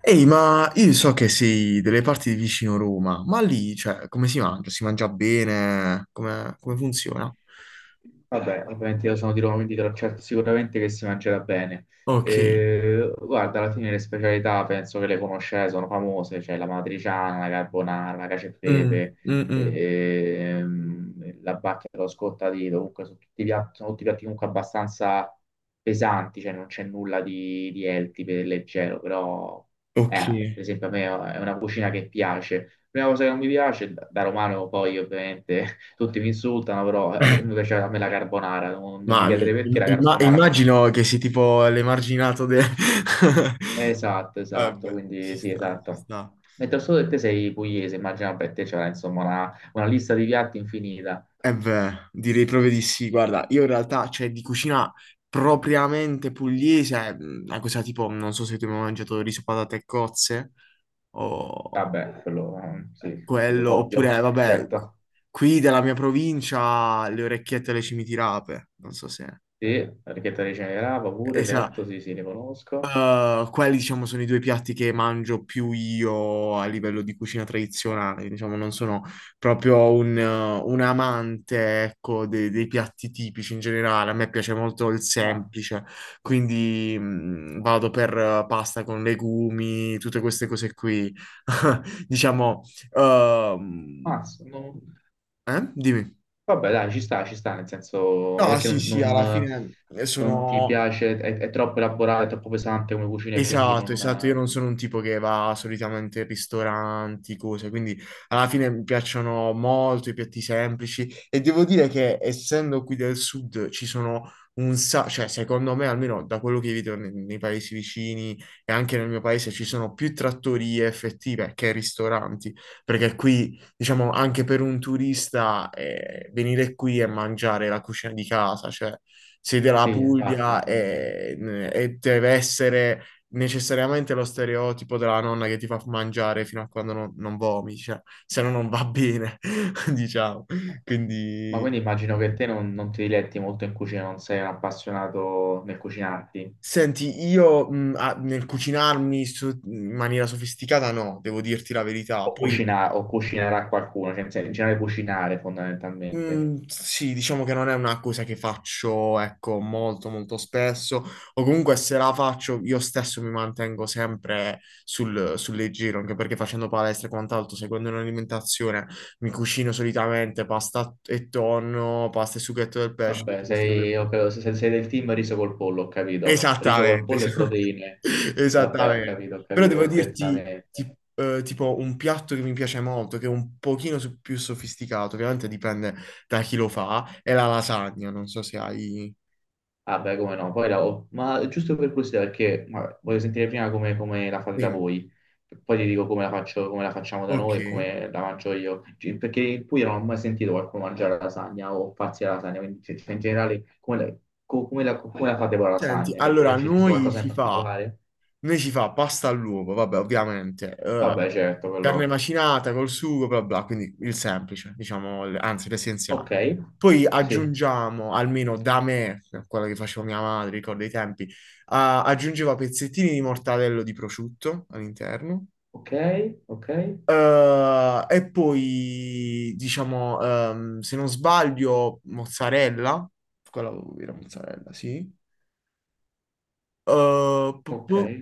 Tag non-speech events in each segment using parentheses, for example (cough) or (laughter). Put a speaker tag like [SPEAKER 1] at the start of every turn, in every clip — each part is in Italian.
[SPEAKER 1] Ehi, ma io so che sei delle parti di vicino Roma, ma lì, cioè, come si mangia? Si mangia bene? Come, come funziona?
[SPEAKER 2] Vabbè, ovviamente io sono di Roma, quindi te lo certo sicuramente che si mangerà bene.
[SPEAKER 1] Ok.
[SPEAKER 2] Guarda, alla fine le specialità penso che le conoscete, sono famose, c'è la matriciana, la carbonara, la cacio e
[SPEAKER 1] Mm,
[SPEAKER 2] pepe,
[SPEAKER 1] mm, mm.
[SPEAKER 2] la bacchia dello scottadito, comunque sono tutti piatti comunque abbastanza pesanti, cioè non c'è nulla di healthy, per leggero, però
[SPEAKER 1] Ok.
[SPEAKER 2] eh, per esempio a me è una cucina che piace. Prima cosa che non mi piace, da romano poi ovviamente tutti mi insultano, però
[SPEAKER 1] (laughs) Eh,
[SPEAKER 2] mi piace a me la carbonara, non mi
[SPEAKER 1] Mamma mia,
[SPEAKER 2] chiederei perché la carbonara non...
[SPEAKER 1] immagino che sei tipo l'emarginato del... (laughs)
[SPEAKER 2] Esatto, esatto,
[SPEAKER 1] Vabbè, ci
[SPEAKER 2] quindi sì,
[SPEAKER 1] sta, ci
[SPEAKER 2] esatto.
[SPEAKER 1] sta.
[SPEAKER 2] Mentre al sud te sei pugliese, immagino per te c'era insomma una lista di piatti infinita.
[SPEAKER 1] Eh beh, direi proprio di sì. Guarda, io in realtà, cioè, di cucina propriamente pugliese, è una cosa tipo, non so se tu hai mai mangiato riso, patate e cozze, o...
[SPEAKER 2] Vabbè, quello sì,
[SPEAKER 1] quello,
[SPEAKER 2] sicuro, ovvio,
[SPEAKER 1] oppure,
[SPEAKER 2] (laughs)
[SPEAKER 1] vabbè,
[SPEAKER 2] certo.
[SPEAKER 1] qui della mia provincia le orecchiette alle cimitirape, non so se...
[SPEAKER 2] Sì, la richietta di Cenerava
[SPEAKER 1] E
[SPEAKER 2] pure,
[SPEAKER 1] sa,
[SPEAKER 2] certo, sì, sì, ne conosco.
[SPEAKER 1] quelli, diciamo, sono i due piatti che mangio più io a livello di cucina tradizionale, diciamo, non sono proprio un amante, ecco, dei piatti tipici in generale, a me piace molto il
[SPEAKER 2] Ah,
[SPEAKER 1] semplice, quindi vado per pasta con legumi, tutte queste cose qui, (laughs) diciamo... ehm,
[SPEAKER 2] mazza, non-
[SPEAKER 1] eh? Dimmi.
[SPEAKER 2] Vabbè, dai, ci sta, nel senso, ma
[SPEAKER 1] No,
[SPEAKER 2] perché
[SPEAKER 1] sì, sì,
[SPEAKER 2] non,
[SPEAKER 1] alla
[SPEAKER 2] non-
[SPEAKER 1] fine
[SPEAKER 2] non ti
[SPEAKER 1] sono,
[SPEAKER 2] piace, è troppo elaborato, è troppo pesante come cucina e quindi
[SPEAKER 1] esatto,
[SPEAKER 2] non,
[SPEAKER 1] esatto, io non sono un tipo che va solitamente in ristoranti, cose, quindi alla fine mi piacciono molto i piatti semplici e devo dire che essendo qui del sud ci sono un sacco, cioè secondo me almeno da quello che vedo nei, paesi vicini e anche nel mio paese ci sono più trattorie effettive che ristoranti, perché qui diciamo anche per un turista venire qui e mangiare la cucina di casa, cioè sei della
[SPEAKER 2] Sì, infatti.
[SPEAKER 1] Puglia e deve essere necessariamente lo stereotipo della nonna che ti fa mangiare fino a quando non, non vomiti, cioè, se no non va bene, (laughs) diciamo.
[SPEAKER 2] Ma
[SPEAKER 1] Quindi,
[SPEAKER 2] quindi immagino che te non ti diletti molto in cucina, non sei un appassionato nel cucinarti
[SPEAKER 1] senti, io nel cucinarmi in maniera sofisticata no, devo dirti la verità.
[SPEAKER 2] o,
[SPEAKER 1] Poi
[SPEAKER 2] cucina, o cucinerà qualcuno, cioè in generale cucinare fondamentalmente.
[SPEAKER 1] mm, sì, diciamo che non è una cosa che faccio, ecco, molto molto spesso, o comunque se la faccio io stesso mi mantengo sempre sul, sul leggero, anche perché facendo palestra e quant'altro, seguendo un'alimentazione, mi cucino solitamente pasta e tonno, pasta e sughetto del pesce,
[SPEAKER 2] Vabbè,
[SPEAKER 1] tutte queste cose
[SPEAKER 2] ho
[SPEAKER 1] qui.
[SPEAKER 2] capito, se sei del team riso col pollo, ho capito. Riso col
[SPEAKER 1] Esattamente,
[SPEAKER 2] pollo e proteine.
[SPEAKER 1] (laughs)
[SPEAKER 2] Vabbè,
[SPEAKER 1] esattamente.
[SPEAKER 2] ho
[SPEAKER 1] Però
[SPEAKER 2] capito
[SPEAKER 1] devo dirti,
[SPEAKER 2] perfettamente.
[SPEAKER 1] tipo, un piatto che mi piace molto, che è un pochino più sofisticato, che ovviamente dipende da chi lo fa, è la lasagna. Non so se hai...
[SPEAKER 2] Ah, beh, come no, poi la... Ma giusto per curiosità, perché ma, voglio sentire prima come la fate da
[SPEAKER 1] Dimmi.
[SPEAKER 2] voi, poi ti dico come la faccio, come la facciamo da
[SPEAKER 1] Ok.
[SPEAKER 2] noi e come la mangio io. Cioè, perché in Puglia non ho mai sentito qualcuno mangiare la lasagna o farsi la lasagna, quindi in generale come la, come la fate voi la
[SPEAKER 1] Senti,
[SPEAKER 2] lasagna?
[SPEAKER 1] allora, a
[SPEAKER 2] Che ci sta
[SPEAKER 1] noi
[SPEAKER 2] qualcosa in
[SPEAKER 1] si fa
[SPEAKER 2] particolare?
[SPEAKER 1] noi si fa pasta all'uovo, vabbè, ovviamente,
[SPEAKER 2] Vabbè, certo,
[SPEAKER 1] carne
[SPEAKER 2] quello.
[SPEAKER 1] macinata col sugo, bla bla, quindi il semplice, diciamo, anzi
[SPEAKER 2] Ok,
[SPEAKER 1] l'essenziale. Poi
[SPEAKER 2] sì,
[SPEAKER 1] aggiungiamo, almeno da me, quella che faceva mia madre, ricordo i tempi, ah, aggiungeva pezzettini di mortadello di prosciutto all'interno.
[SPEAKER 2] ok, ok,
[SPEAKER 1] E poi, diciamo, se non sbaglio, mozzarella, quella era mozzarella, sì. Eh, pu-
[SPEAKER 2] ok,
[SPEAKER 1] pu-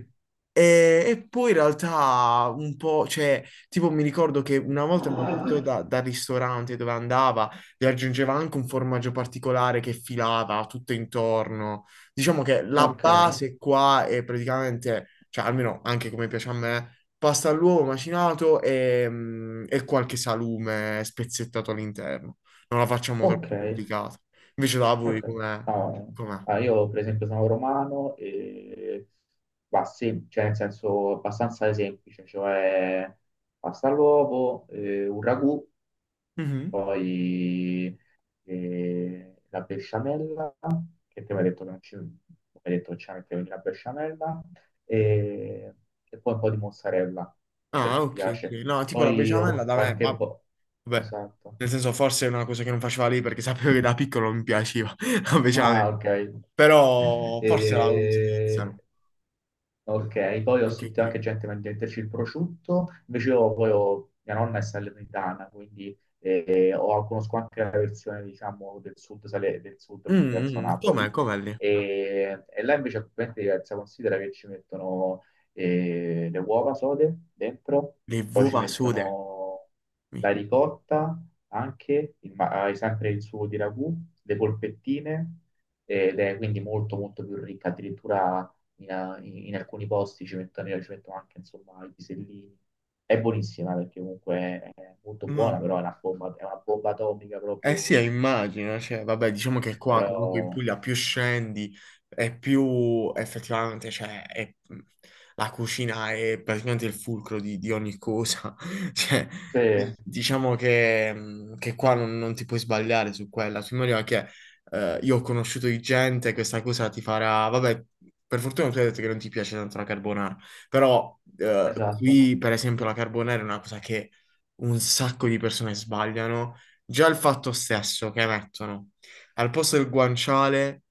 [SPEAKER 1] e poi in realtà un po', cioè, tipo mi ricordo che una volta me la portò dal ristorante dove andava, gli aggiungeva anche un formaggio particolare che filava tutto intorno. Diciamo che la
[SPEAKER 2] ok,
[SPEAKER 1] base qua è praticamente, cioè almeno anche come piace a me, pasta all'uovo macinato e, e qualche salume spezzettato all'interno. Non la facciamo
[SPEAKER 2] ok.
[SPEAKER 1] troppo complicata. Invece da
[SPEAKER 2] Ok.
[SPEAKER 1] voi com'è?
[SPEAKER 2] No,
[SPEAKER 1] Com'è?
[SPEAKER 2] ah, io per esempio sono romano e cioè nel senso abbastanza semplice, cioè pasta all'uovo, un ragù,
[SPEAKER 1] Mhm.
[SPEAKER 2] poi la besciamella, che te mi hai detto che non ci, mi hai detto che ci mettevi la besciamella, e, e poi un po' di mozzarella, per
[SPEAKER 1] Ah,
[SPEAKER 2] chi
[SPEAKER 1] ok, ok.
[SPEAKER 2] piace.
[SPEAKER 1] No, tipo la
[SPEAKER 2] Poi ho
[SPEAKER 1] besciamella da me,
[SPEAKER 2] qualche
[SPEAKER 1] ma
[SPEAKER 2] po'...
[SPEAKER 1] vabbè,
[SPEAKER 2] Esatto.
[SPEAKER 1] nel senso forse è una cosa che non faceva lì perché (laughs) sapevo che da piccolo non mi piaceva, (laughs) invece a me.
[SPEAKER 2] Ah, ok. (laughs)
[SPEAKER 1] Però forse la
[SPEAKER 2] E-
[SPEAKER 1] utilizzano
[SPEAKER 2] Ok, poi ho
[SPEAKER 1] anche
[SPEAKER 2] sentito
[SPEAKER 1] qui.
[SPEAKER 2] anche gente venderci il prosciutto, invece io poi mia nonna è salernitana, quindi conosco anche la versione, diciamo, del sud, del sud, quindi
[SPEAKER 1] Mm,
[SPEAKER 2] verso
[SPEAKER 1] mm,
[SPEAKER 2] Napoli,
[SPEAKER 1] com'è, com'è lì?
[SPEAKER 2] e là invece è completamente diversa, considera che ci mettono le uova sode dentro,
[SPEAKER 1] Le
[SPEAKER 2] poi ci
[SPEAKER 1] uova sude.
[SPEAKER 2] mettono la
[SPEAKER 1] Mi-
[SPEAKER 2] ricotta, anche, il hai sempre il sugo di ragù, le polpettine, ed è quindi molto molto più ricca, addirittura in alcuni posti ci mettono, io ci metto anche insomma i pisellini. È buonissima perché comunque è molto buona, però
[SPEAKER 1] Mamma.
[SPEAKER 2] è una bomba atomica
[SPEAKER 1] Eh sì,
[SPEAKER 2] proprio.
[SPEAKER 1] immagino, cioè, vabbè, diciamo che qua comunque in
[SPEAKER 2] Però
[SPEAKER 1] Puglia più scendi e più effettivamente, cioè, è- la cucina è praticamente il fulcro di ogni cosa, (laughs) cioè,
[SPEAKER 2] sì,
[SPEAKER 1] diciamo che qua non, non ti puoi sbagliare su quella, su maniera che io ho conosciuto di gente, questa cosa ti farà, vabbè, per fortuna tu hai detto che non ti piace tanto la carbonara, però
[SPEAKER 2] esatto,
[SPEAKER 1] qui per esempio la carbonara è una cosa che un sacco di persone sbagliano. Già il fatto stesso che mettono al posto del guanciale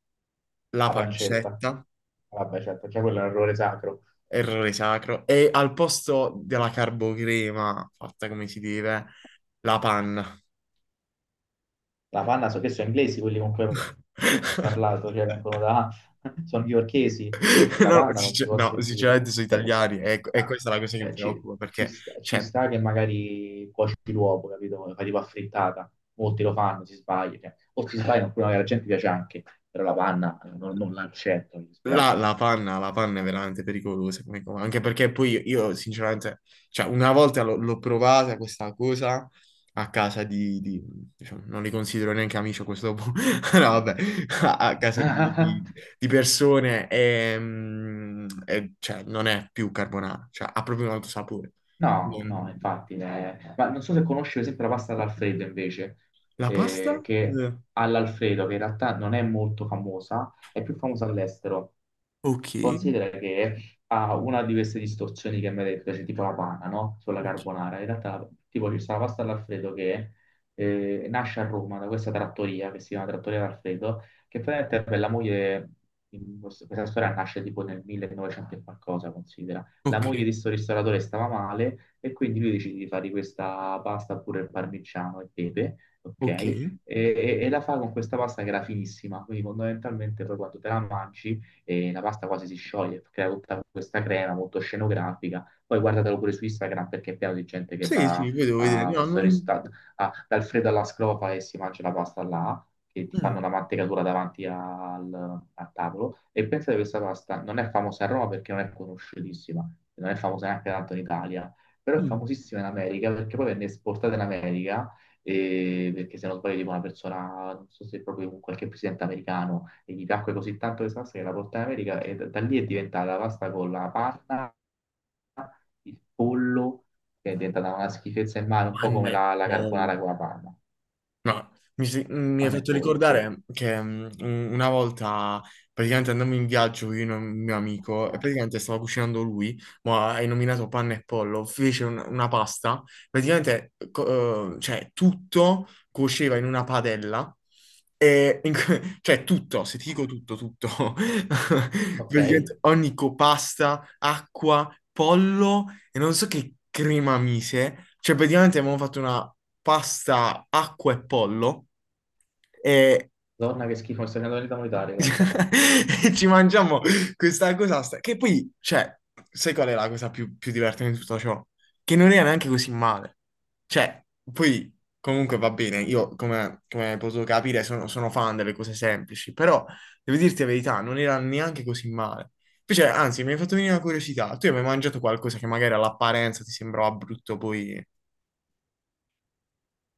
[SPEAKER 1] la
[SPEAKER 2] la pancetta.
[SPEAKER 1] pancetta,
[SPEAKER 2] Vabbè, certo, cioè quello è un errore sacro.
[SPEAKER 1] errore sacro, e al posto della carbocrema, fatta come si deve, la panna.
[SPEAKER 2] La panna, so che sono inglesi quelli con cui
[SPEAKER 1] (laughs)
[SPEAKER 2] parlato, cioè vengono da, (laughs) sono newyorkesi, perché la
[SPEAKER 1] No,
[SPEAKER 2] panna non si può
[SPEAKER 1] no,
[SPEAKER 2] sentire.
[SPEAKER 1] sinceramente sono
[SPEAKER 2] Cioè,
[SPEAKER 1] italiani e
[SPEAKER 2] no,
[SPEAKER 1] questa è la cosa che mi
[SPEAKER 2] cioè,
[SPEAKER 1] preoccupa perché,
[SPEAKER 2] ci
[SPEAKER 1] cioè,
[SPEAKER 2] sta che magari cuoci l'uovo, capito? Fai tipo affrittata, molti lo fanno, si sbagliano, cioè, o si sbagliano, oppure magari la gente piace anche, però la panna non l'accetto, mi
[SPEAKER 1] la,
[SPEAKER 2] dispiace.
[SPEAKER 1] la panna è veramente pericolosa, come cosa, anche perché poi io sinceramente, cioè una volta l'ho provata questa cosa a casa diciamo, non li considero neanche amici a questo punto, (laughs) no vabbè, a, a casa
[SPEAKER 2] (laughs)
[SPEAKER 1] di persone e, e, cioè, non è più carbonara, cioè ha proprio un altro sapore.
[SPEAKER 2] No, no,
[SPEAKER 1] Non-
[SPEAKER 2] infatti, ma non so se conosci per esempio la pasta all'alfredo invece,
[SPEAKER 1] La pasta?
[SPEAKER 2] che
[SPEAKER 1] Eh,
[SPEAKER 2] all'alfredo, che in realtà non è molto famosa, è più famosa all'estero.
[SPEAKER 1] Ok,
[SPEAKER 2] Considera che ha una di queste distorsioni che mi hai detto, cioè tipo la panna, no? Sulla
[SPEAKER 1] ok,
[SPEAKER 2] carbonara. In realtà, tipo, ci sta la pasta all'alfredo che nasce a Roma da questa trattoria che si chiama Trattoria d'Alfredo, che praticamente per la moglie, in questa storia nasce tipo nel 1900 e qualcosa, la moglie
[SPEAKER 1] ok,
[SPEAKER 2] di sto ristoratore stava male e quindi lui decide di fare questa pasta pure al parmigiano e pepe, ok?
[SPEAKER 1] ok.
[SPEAKER 2] E, e la fa con questa pasta che era finissima, quindi fondamentalmente poi quando te la mangi la pasta quasi si scioglie, crea tutta questa crema molto scenografica. Poi guardatelo pure su Instagram perché è pieno di gente che
[SPEAKER 1] Sì,
[SPEAKER 2] va
[SPEAKER 1] sì, poi devo vedere,
[SPEAKER 2] a
[SPEAKER 1] no,
[SPEAKER 2] questo
[SPEAKER 1] non...
[SPEAKER 2] ristorante, a- dal freddo alla scrofa e si mangia la pasta là, che ti fanno
[SPEAKER 1] mm,
[SPEAKER 2] la mantecatura davanti al, al tavolo. E pensa che questa pasta non è famosa a Roma perché non è conosciutissima, non è famosa neanche tanto in Italia, però è
[SPEAKER 1] mm.
[SPEAKER 2] famosissima in America perché poi venne esportata in America. Perché se non sbaglio tipo una persona, non so se è proprio un qualche presidente americano, e gli piacque così tanto questa pasta che la portò in America e da lì è diventata la pasta con la panna, il pollo, che è diventata una schifezza in mano, un po'
[SPEAKER 1] Panna
[SPEAKER 2] come
[SPEAKER 1] e
[SPEAKER 2] la, la
[SPEAKER 1] pollo.
[SPEAKER 2] carbonara con la panna.
[SPEAKER 1] No, mi, mi hai
[SPEAKER 2] Panna e
[SPEAKER 1] fatto
[SPEAKER 2] pollo, sì.
[SPEAKER 1] ricordare che una volta praticamente andammo in viaggio io e un mio amico e praticamente stava cucinando lui, ma hai nominato panna e pollo, fece una pasta, praticamente cioè, tutto cuoceva in una padella e in que- (laughs) cioè tutto, se ti dico tutto, tutto, (laughs)
[SPEAKER 2] Ok,
[SPEAKER 1] praticamente ogni copasta, acqua, pollo e non so che crema mise, cioè praticamente abbiamo fatto una pasta, acqua e pollo.
[SPEAKER 2] donna che schifo, mi sta venendo l'unità monetaria, guarda.
[SPEAKER 1] (laughs) E ci mangiamo questa cosa, stra- che poi, cioè, sai qual è la cosa più, più divertente di tutto ciò? Che non era neanche così male. Cioè, poi, comunque va bene, io, come, come hai potuto capire, sono, sono fan delle cose semplici, però, devo dirti la verità, non era neanche così male. Invece, anzi, mi hai fatto venire una curiosità. Tu hai mai mangiato qualcosa che magari all'apparenza ti sembrava brutto, poi,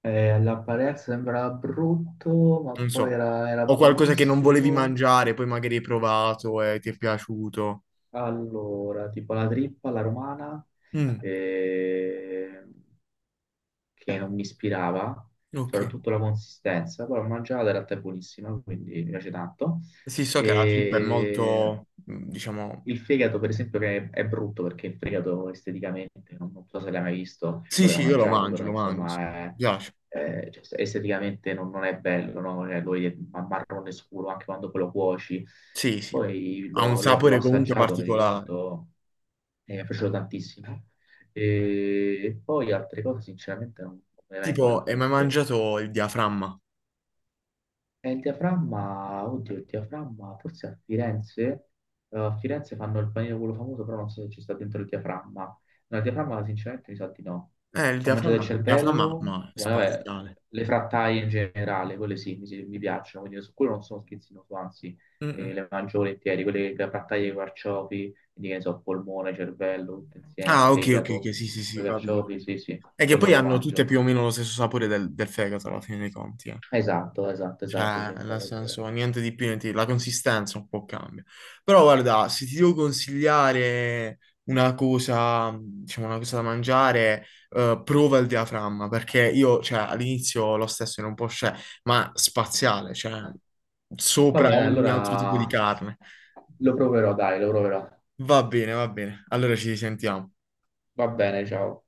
[SPEAKER 2] All'apparenza sembrava brutto, ma
[SPEAKER 1] non
[SPEAKER 2] poi
[SPEAKER 1] so,
[SPEAKER 2] era
[SPEAKER 1] o qualcosa che non volevi
[SPEAKER 2] buonissimo.
[SPEAKER 1] mangiare, poi magari hai provato e ti è piaciuto?
[SPEAKER 2] Allora, tipo la trippa alla romana,
[SPEAKER 1] Mm,
[SPEAKER 2] eh, che non mi ispirava,
[SPEAKER 1] ok.
[SPEAKER 2] soprattutto la consistenza, però l'ho mangiata, in realtà è buonissima, quindi mi piace tanto.
[SPEAKER 1] Sì, so che la trippa è
[SPEAKER 2] E
[SPEAKER 1] molto, mm, diciamo...
[SPEAKER 2] il fegato, per esempio, che è brutto perché il fegato esteticamente, non so se l'hai mai visto o
[SPEAKER 1] Sì,
[SPEAKER 2] l'hai
[SPEAKER 1] sì,
[SPEAKER 2] mai
[SPEAKER 1] io
[SPEAKER 2] mangiato, però
[SPEAKER 1] lo mangio, sì. Mi
[SPEAKER 2] insomma,
[SPEAKER 1] piace.
[SPEAKER 2] cioè, esteticamente non è bello, no? Lo vedi marrone scuro anche quando poi lo cuoci.
[SPEAKER 1] Sì, sì.
[SPEAKER 2] Poi
[SPEAKER 1] Ha un
[SPEAKER 2] l'ho
[SPEAKER 1] sapore comunque
[SPEAKER 2] assaggiato, mi
[SPEAKER 1] particolare.
[SPEAKER 2] ricordo, e mi è piaciuto tantissimo. E poi altre cose, sinceramente, non me ne
[SPEAKER 1] Tipo,
[SPEAKER 2] vengono in
[SPEAKER 1] hai mai
[SPEAKER 2] mente.
[SPEAKER 1] mangiato il diaframma?
[SPEAKER 2] E il diaframma, oddio, il diaframma, forse a Firenze fanno il panino quello famoso, però non so se ci sta dentro il diaframma. No, il diaframma sinceramente mi sa di no.
[SPEAKER 1] Il
[SPEAKER 2] Ho mangiato il
[SPEAKER 1] diaframma, il diaframma,
[SPEAKER 2] cervello,
[SPEAKER 1] ma è
[SPEAKER 2] vabbè,
[SPEAKER 1] spaziale.
[SPEAKER 2] le frattaie in generale, quelle sì, mi piacciono, quindi su quello non sono schizzinoso, anzi,
[SPEAKER 1] Mm-mm.
[SPEAKER 2] le mangio volentieri, quelle le frattaie con i carciofi, quindi che ne so, polmone, cervello, tutto insieme,
[SPEAKER 1] Ah, ok, ok,
[SPEAKER 2] fegato,
[SPEAKER 1] ok, sì, sì, sì,
[SPEAKER 2] con i
[SPEAKER 1] capito.
[SPEAKER 2] carciofi,
[SPEAKER 1] Capito.
[SPEAKER 2] sì, sì,
[SPEAKER 1] E che
[SPEAKER 2] quello
[SPEAKER 1] poi
[SPEAKER 2] me lo
[SPEAKER 1] hanno tutte
[SPEAKER 2] mangio.
[SPEAKER 1] più o meno lo stesso sapore del, del fegato alla fine dei conti, eh.
[SPEAKER 2] Esatto, esatto, esatto, sì,
[SPEAKER 1] Cioè, nel
[SPEAKER 2] infatti è vero.
[SPEAKER 1] senso, niente di più, niente di- la consistenza un po' cambia. Però guarda, se ti devo consigliare una cosa, diciamo, una cosa da mangiare, prova il diaframma, perché io, cioè, all'inizio lo stesso era un po' scettico, ma spaziale, cioè,
[SPEAKER 2] Va
[SPEAKER 1] sopra
[SPEAKER 2] bene,
[SPEAKER 1] ogni altro tipo di
[SPEAKER 2] allora
[SPEAKER 1] carne.
[SPEAKER 2] lo proverò, dai, lo proverò.
[SPEAKER 1] Va bene, va bene. Allora ci sentiamo.
[SPEAKER 2] Va bene, ciao.